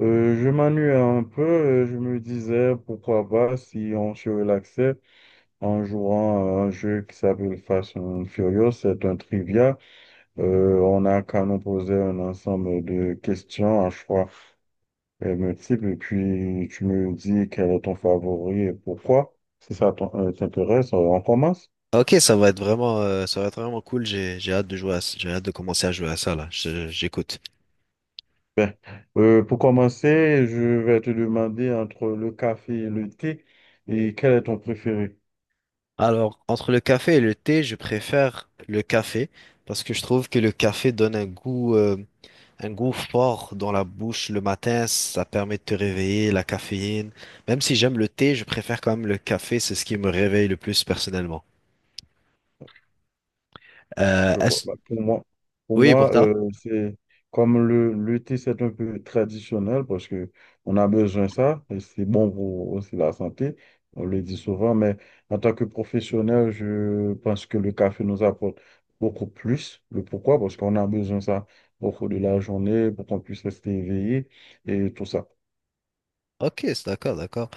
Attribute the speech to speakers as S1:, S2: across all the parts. S1: Je m'ennuyais un peu, je me disais pourquoi pas si on se relaxait en jouant à un jeu qui s'appelle Fast and Furious, c'est un trivia. On a qu'à nous poser un ensemble de questions à choix multiples et puis tu me dis quel est ton favori et pourquoi. Si ça t'en- T'intéresse, on commence.
S2: Ok, ça va être vraiment, ça va être vraiment cool. J'ai hâte de jouer j'ai hâte de commencer à jouer à ça là. J'écoute.
S1: Ben, pour commencer, je vais te demander entre le café et le thé et quel est ton préféré?
S2: Alors, entre le café et le thé, je préfère le café parce que je trouve que le café donne un goût fort dans la bouche le matin. Ça permet de te réveiller, la caféine. Même si j'aime le thé, je préfère quand même le café. C'est ce qui me réveille le plus personnellement. Euh,
S1: Je vois.
S2: est-ce-
S1: Bah, pour moi, pour
S2: Oui, pour
S1: moi
S2: toi?
S1: euh, c'est comme le thé, c'est un peu traditionnel parce que on a besoin de ça et c'est bon pour aussi la santé. On le dit souvent, mais en tant que professionnel, je pense que le café nous apporte beaucoup plus. Le pourquoi? Parce qu'on a besoin de ça au cours de la journée pour qu'on puisse rester éveillé et tout ça.
S2: Ok, c'est d'accord, d'accord.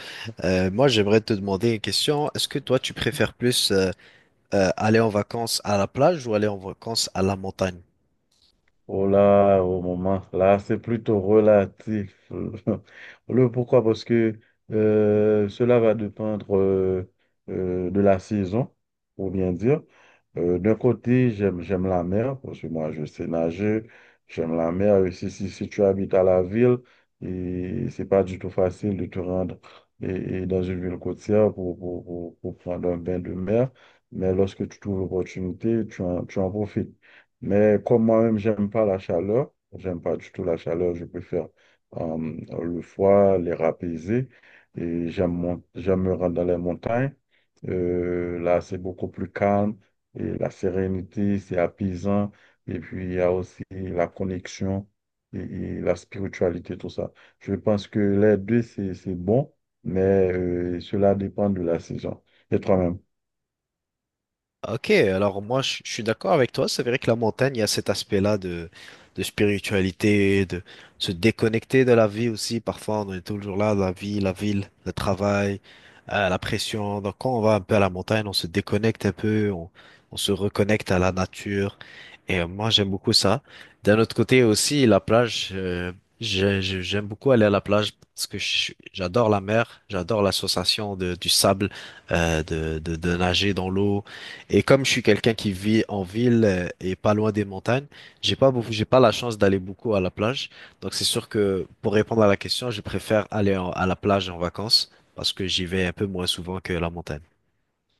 S2: Moi, j'aimerais te demander une question. Est-ce que toi, tu préfères plus aller en vacances à la plage ou aller en vacances à la montagne?
S1: Oh là, au moment, là, c'est plutôt relatif. Le pourquoi? Parce que cela va dépendre de la saison, pour bien dire. D'un côté, j'aime la mer, parce que moi, je sais nager, j'aime la mer. Et si tu habites à la ville, et c'est pas du tout facile de te rendre et, et dans une ville côtière pour prendre un bain de mer. Mais lorsque tu trouves l'opportunité, tu en profites. Mais comme moi-même, j'aime pas la chaleur, j'aime pas du tout la chaleur, je préfère euh, le froid, l'air apaisé. J'aime me rendre dans les montagnes. Là, c'est beaucoup plus calme et la sérénité, c'est apaisant. Et puis, il y a aussi la connexion et la spiritualité, tout ça. Je pense que les deux, c'est bon, mais cela dépend de la saison. Et toi-même.
S2: Ok, alors moi je suis d'accord avec toi, c'est vrai que la montagne, il y a cet aspect-là de spiritualité, de se déconnecter de la vie aussi, parfois on est toujours là, la vie, la ville, le travail, la pression, donc quand on va un peu à la montagne, on se déconnecte un peu, on se reconnecte à la nature, et moi j'aime beaucoup ça. D'un autre côté aussi, la plage, j'aime beaucoup aller à la plage parce que j'adore la mer, j'adore l'association de, du sable, de nager dans l'eau. Et comme je suis quelqu'un qui vit en ville et pas loin des montagnes, j'ai pas beaucoup, j'ai pas la chance d'aller beaucoup à la plage. Donc c'est sûr que pour répondre à la question, je préfère à la plage en vacances parce que j'y vais un peu moins souvent que la montagne.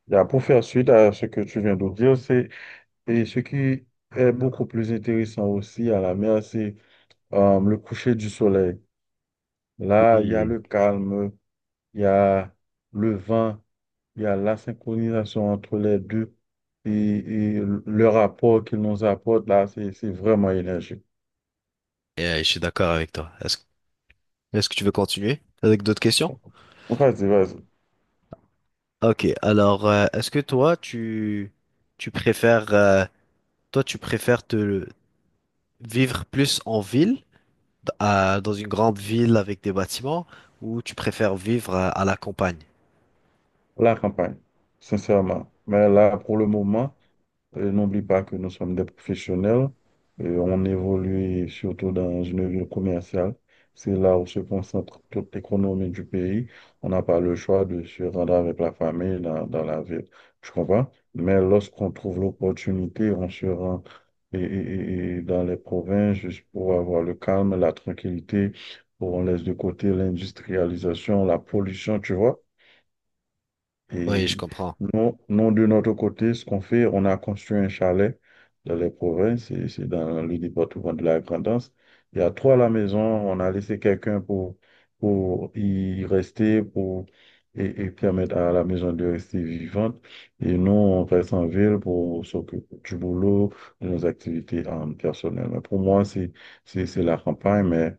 S1: Là, pour faire suite à ce que tu viens de dire, c'est et ce qui est beaucoup plus intéressant aussi à la mer, c'est le coucher du soleil. Là, il y a
S2: Oui.
S1: le calme, il y a le vent, il y a la synchronisation entre les deux et le rapport qu'ils nous apportent là, c'est vraiment énergique.
S2: Et je suis d'accord avec toi. Est-ce que tu veux continuer avec d'autres questions?
S1: Vas-y, vas-y.
S2: Ok, alors est-ce que toi tu préfères toi tu préfères te vivre plus en ville dans une grande ville avec des bâtiments ou tu préfères vivre à la campagne?
S1: La campagne, sincèrement. Mais là, pour le moment. N'oublie pas que nous sommes des professionnels. On évolue surtout dans une ville commerciale. C'est là où se concentre toute l'économie du pays. On n'a pas le choix de se rendre avec la famille dans la ville. Tu comprends? Mais lorsqu'on trouve l'opportunité, on se rend et dans les provinces juste pour avoir le calme, la tranquillité. Où On laisse de côté l'industrialisation, la pollution, tu vois?
S2: Oui, je
S1: Et
S2: comprends.
S1: nous, de notre côté, ce qu'on fait, on a construit un chalet dans les provinces, et c'est dans le département de la Grand'Anse. Il y a trois à la maison, on a laissé quelqu'un pour y rester, et permettre à la maison de rester vivante. Et nous, on reste en ville pour s'occuper du boulot, de nos activités personnelles. Mais pour moi, c'est la campagne, mais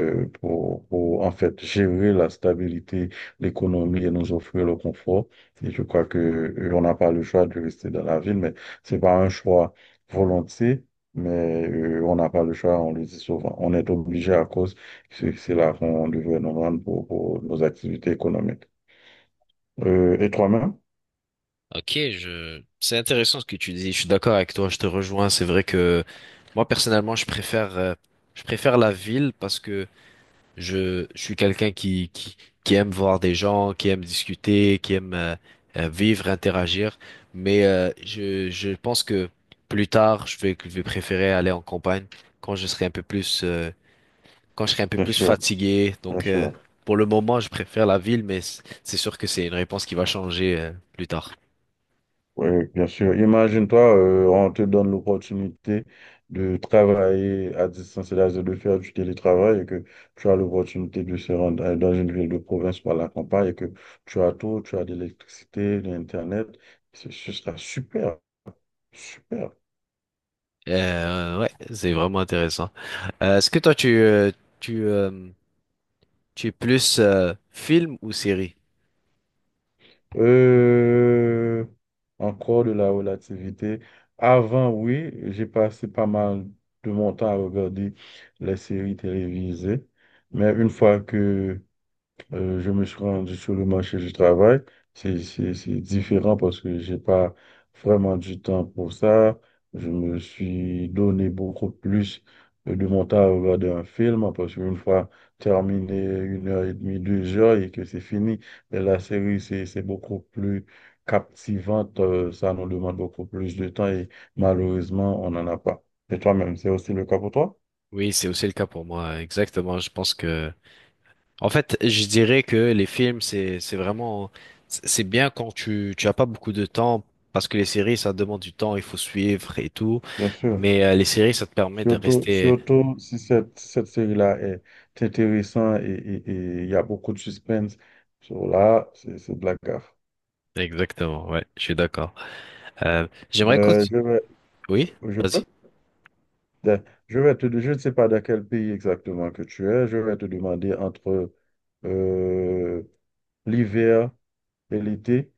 S1: pour en fait gérer la stabilité l'économie et nous offrir le confort. Et je crois que on n'a pas le choix de rester dans la ville, mais c'est pas un choix volontiers, mais on n'a pas le choix, on le dit souvent. On est obligé à cause que c'est là qu'on devrait nous rendre pour nos activités économiques. Et toi-même?
S2: Ok, je... C'est intéressant ce que tu dis. Je suis d'accord avec toi. Je te rejoins. C'est vrai que moi personnellement, je préfère la ville parce que je suis quelqu'un qui aime voir des gens, qui aime discuter, qui aime vivre, interagir. Mais je pense que plus tard, je vais préférer aller en campagne quand je serai un peu plus, quand je serai un peu
S1: Bien
S2: plus
S1: sûr,
S2: fatigué.
S1: bien
S2: Donc,
S1: sûr.
S2: pour le moment, je préfère la ville, mais c'est sûr que c'est une réponse qui va changer plus tard.
S1: Oui, bien sûr. Imagine-toi, on te donne l'opportunité de travailler à distance, c'est-à-dire de faire du télétravail et que tu as l'opportunité de se rendre dans une ville de province par la campagne et que tu as tout, tu as de l'électricité, de l'Internet. Ce sera super, super.
S2: Ouais, c'est vraiment intéressant. Est-ce que toi, tu, tu, tu es plus film ou série?
S1: Euh, Encore de la relativité. Avant, oui, j'ai passé pas mal de mon temps à regarder les séries télévisées, mais une fois que je me suis rendu sur le marché du travail. C'est différent parce que j'ai pas vraiment du temps pour ça. Je me suis donné beaucoup plus de mon temps à regarder un film parce qu'une fois terminé une heure et demie, deux heures et que c'est fini, mais la série, c'est beaucoup plus captivante. Ça nous demande beaucoup plus de temps et malheureusement, on n'en a pas. Et toi-même, c'est aussi le cas pour toi?
S2: Oui, c'est aussi le cas pour moi, exactement. Je pense que, en fait, je dirais que les films, c'est vraiment, c'est bien quand tu as pas beaucoup de temps, parce que les séries, ça demande du temps, il faut suivre et tout.
S1: Bien sûr.
S2: Mais les séries, ça te permet de rester.
S1: Surtout si cette série-là est intéressante et il y a beaucoup de suspense. So là, c'est de la gaffe.
S2: Exactement, ouais, je suis d'accord. J'aimerais que
S1: Ben, je vais,
S2: Oui,
S1: je peux,
S2: vas-y.
S1: de- je vais te, je ne sais pas dans quel pays exactement que tu es. Je vais te demander entre euh, l'hiver et l'été.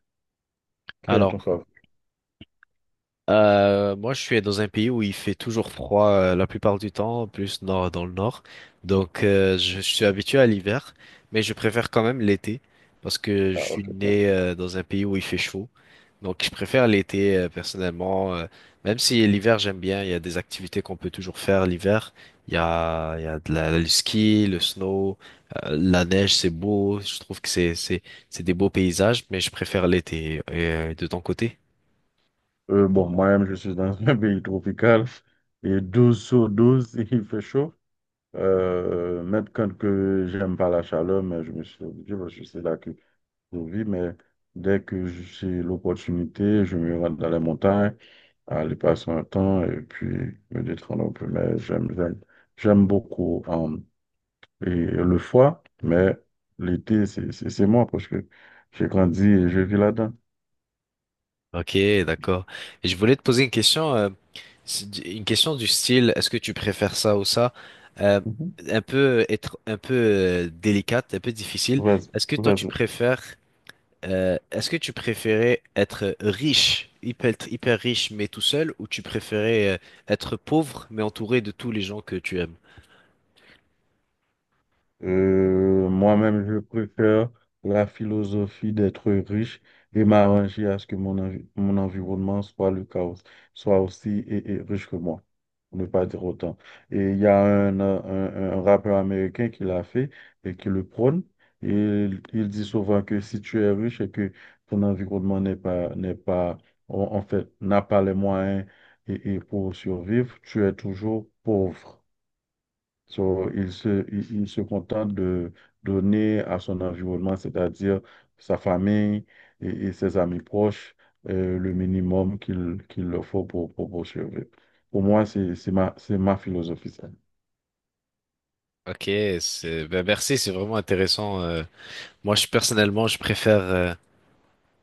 S1: Quel est ton
S2: Alors,
S1: favori?
S2: Moi, je suis dans un pays où il fait toujours froid la plupart du temps, plus nord dans le nord. Donc, je suis habitué à l'hiver, mais je préfère quand même l'été parce que je
S1: Ah,
S2: suis
S1: ok, bien.
S2: né dans un pays où il fait chaud. Donc, je préfère l'été personnellement, même si l'hiver j'aime bien. Il y a des activités qu'on peut toujours faire l'hiver. Il y a de la, le ski, le snow, la neige, c'est beau. Je trouve que c'est des beaux paysages, mais je préfère l'été. Et, de ton côté?
S1: Bon, moi-même, je suis dans un pays tropical. Et 12 sur douze il fait chaud. Même quand que j'aime pas la chaleur, mais je me suis obligé parce que c'est là que je vis. Mais dès que j'ai l'opportunité, je me rends dans les montagnes, aller passer un temps et puis me détendre un peu. Mais j'aime beaucoup. Hein. et le foie, mais l'été, c'est moi parce que j'ai grandi et je vis là-dedans.
S2: Ok, d'accord. Et je voulais te poser une question, c'est une question du style, est-ce que tu préfères ça ou ça? Euh,
S1: Mhm.
S2: un peu être un peu délicate, un peu difficile.
S1: Vas-y,
S2: Est-ce que toi tu
S1: vas-y.
S2: préfères, est-ce que tu préférais être riche, hyper hyper riche mais tout seul, ou tu préférais être pauvre mais entouré de tous les gens que tu aimes?
S1: Moi-même, je préfère la philosophie d'être riche et m'arranger à ce que mon environnement soit le chaos, soit aussi et riche que moi, pour ne pas dire autant. Et il y a un rappeur américain qui l'a fait et qui le prône. Et il dit souvent que si tu es riche et que ton environnement n'est pas, en en fait, n'a pas les moyens et pour survivre, tu es toujours pauvre. So, il se contente de donner à son environnement, c'est-à-dire sa famille et ses amis proches, le minimum qu'il leur faut pour survivre. Pour moi, c'est ma philosophie. Ça.
S2: Ok, c'est, ben merci, c'est vraiment intéressant. Moi, je personnellement, je préfère.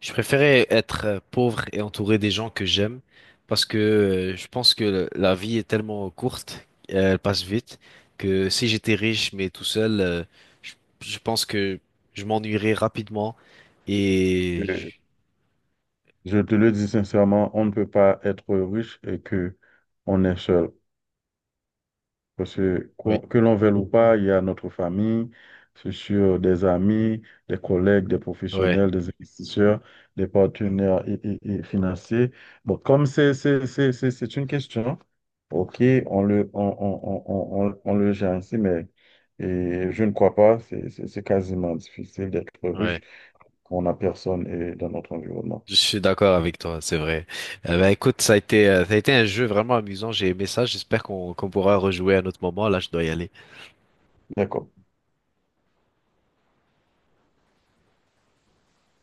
S2: Je préférais être pauvre et entouré des gens que j'aime parce que je pense que la vie est tellement courte, elle passe vite, que si j'étais riche mais tout seul, je, je pense que je m'ennuierais rapidement et
S1: Euh, Je te le dis sincèrement, on ne peut pas être riche et que on est seul. Parce que
S2: oui,
S1: que l'on veuille ou pas, il y a notre famille, c'est sûr, des amis, des collègues, des
S2: ouais,
S1: professionnels, des investisseurs, des partenaires et financiers. Bon, comme c'est une question, OK, on le, on, on, on le gère ainsi, mais et je ne crois pas, c'est quasiment difficile d'être riche
S2: ouais.
S1: quand on n'a personne eh, dans notre environnement.
S2: Je suis d'accord avec toi, c'est vrai. Ben, écoute, ça a été un jeu vraiment amusant, j'ai aimé ça. J'espère qu'on pourra rejouer à un autre moment. Là, je dois y aller.
S1: D'accord.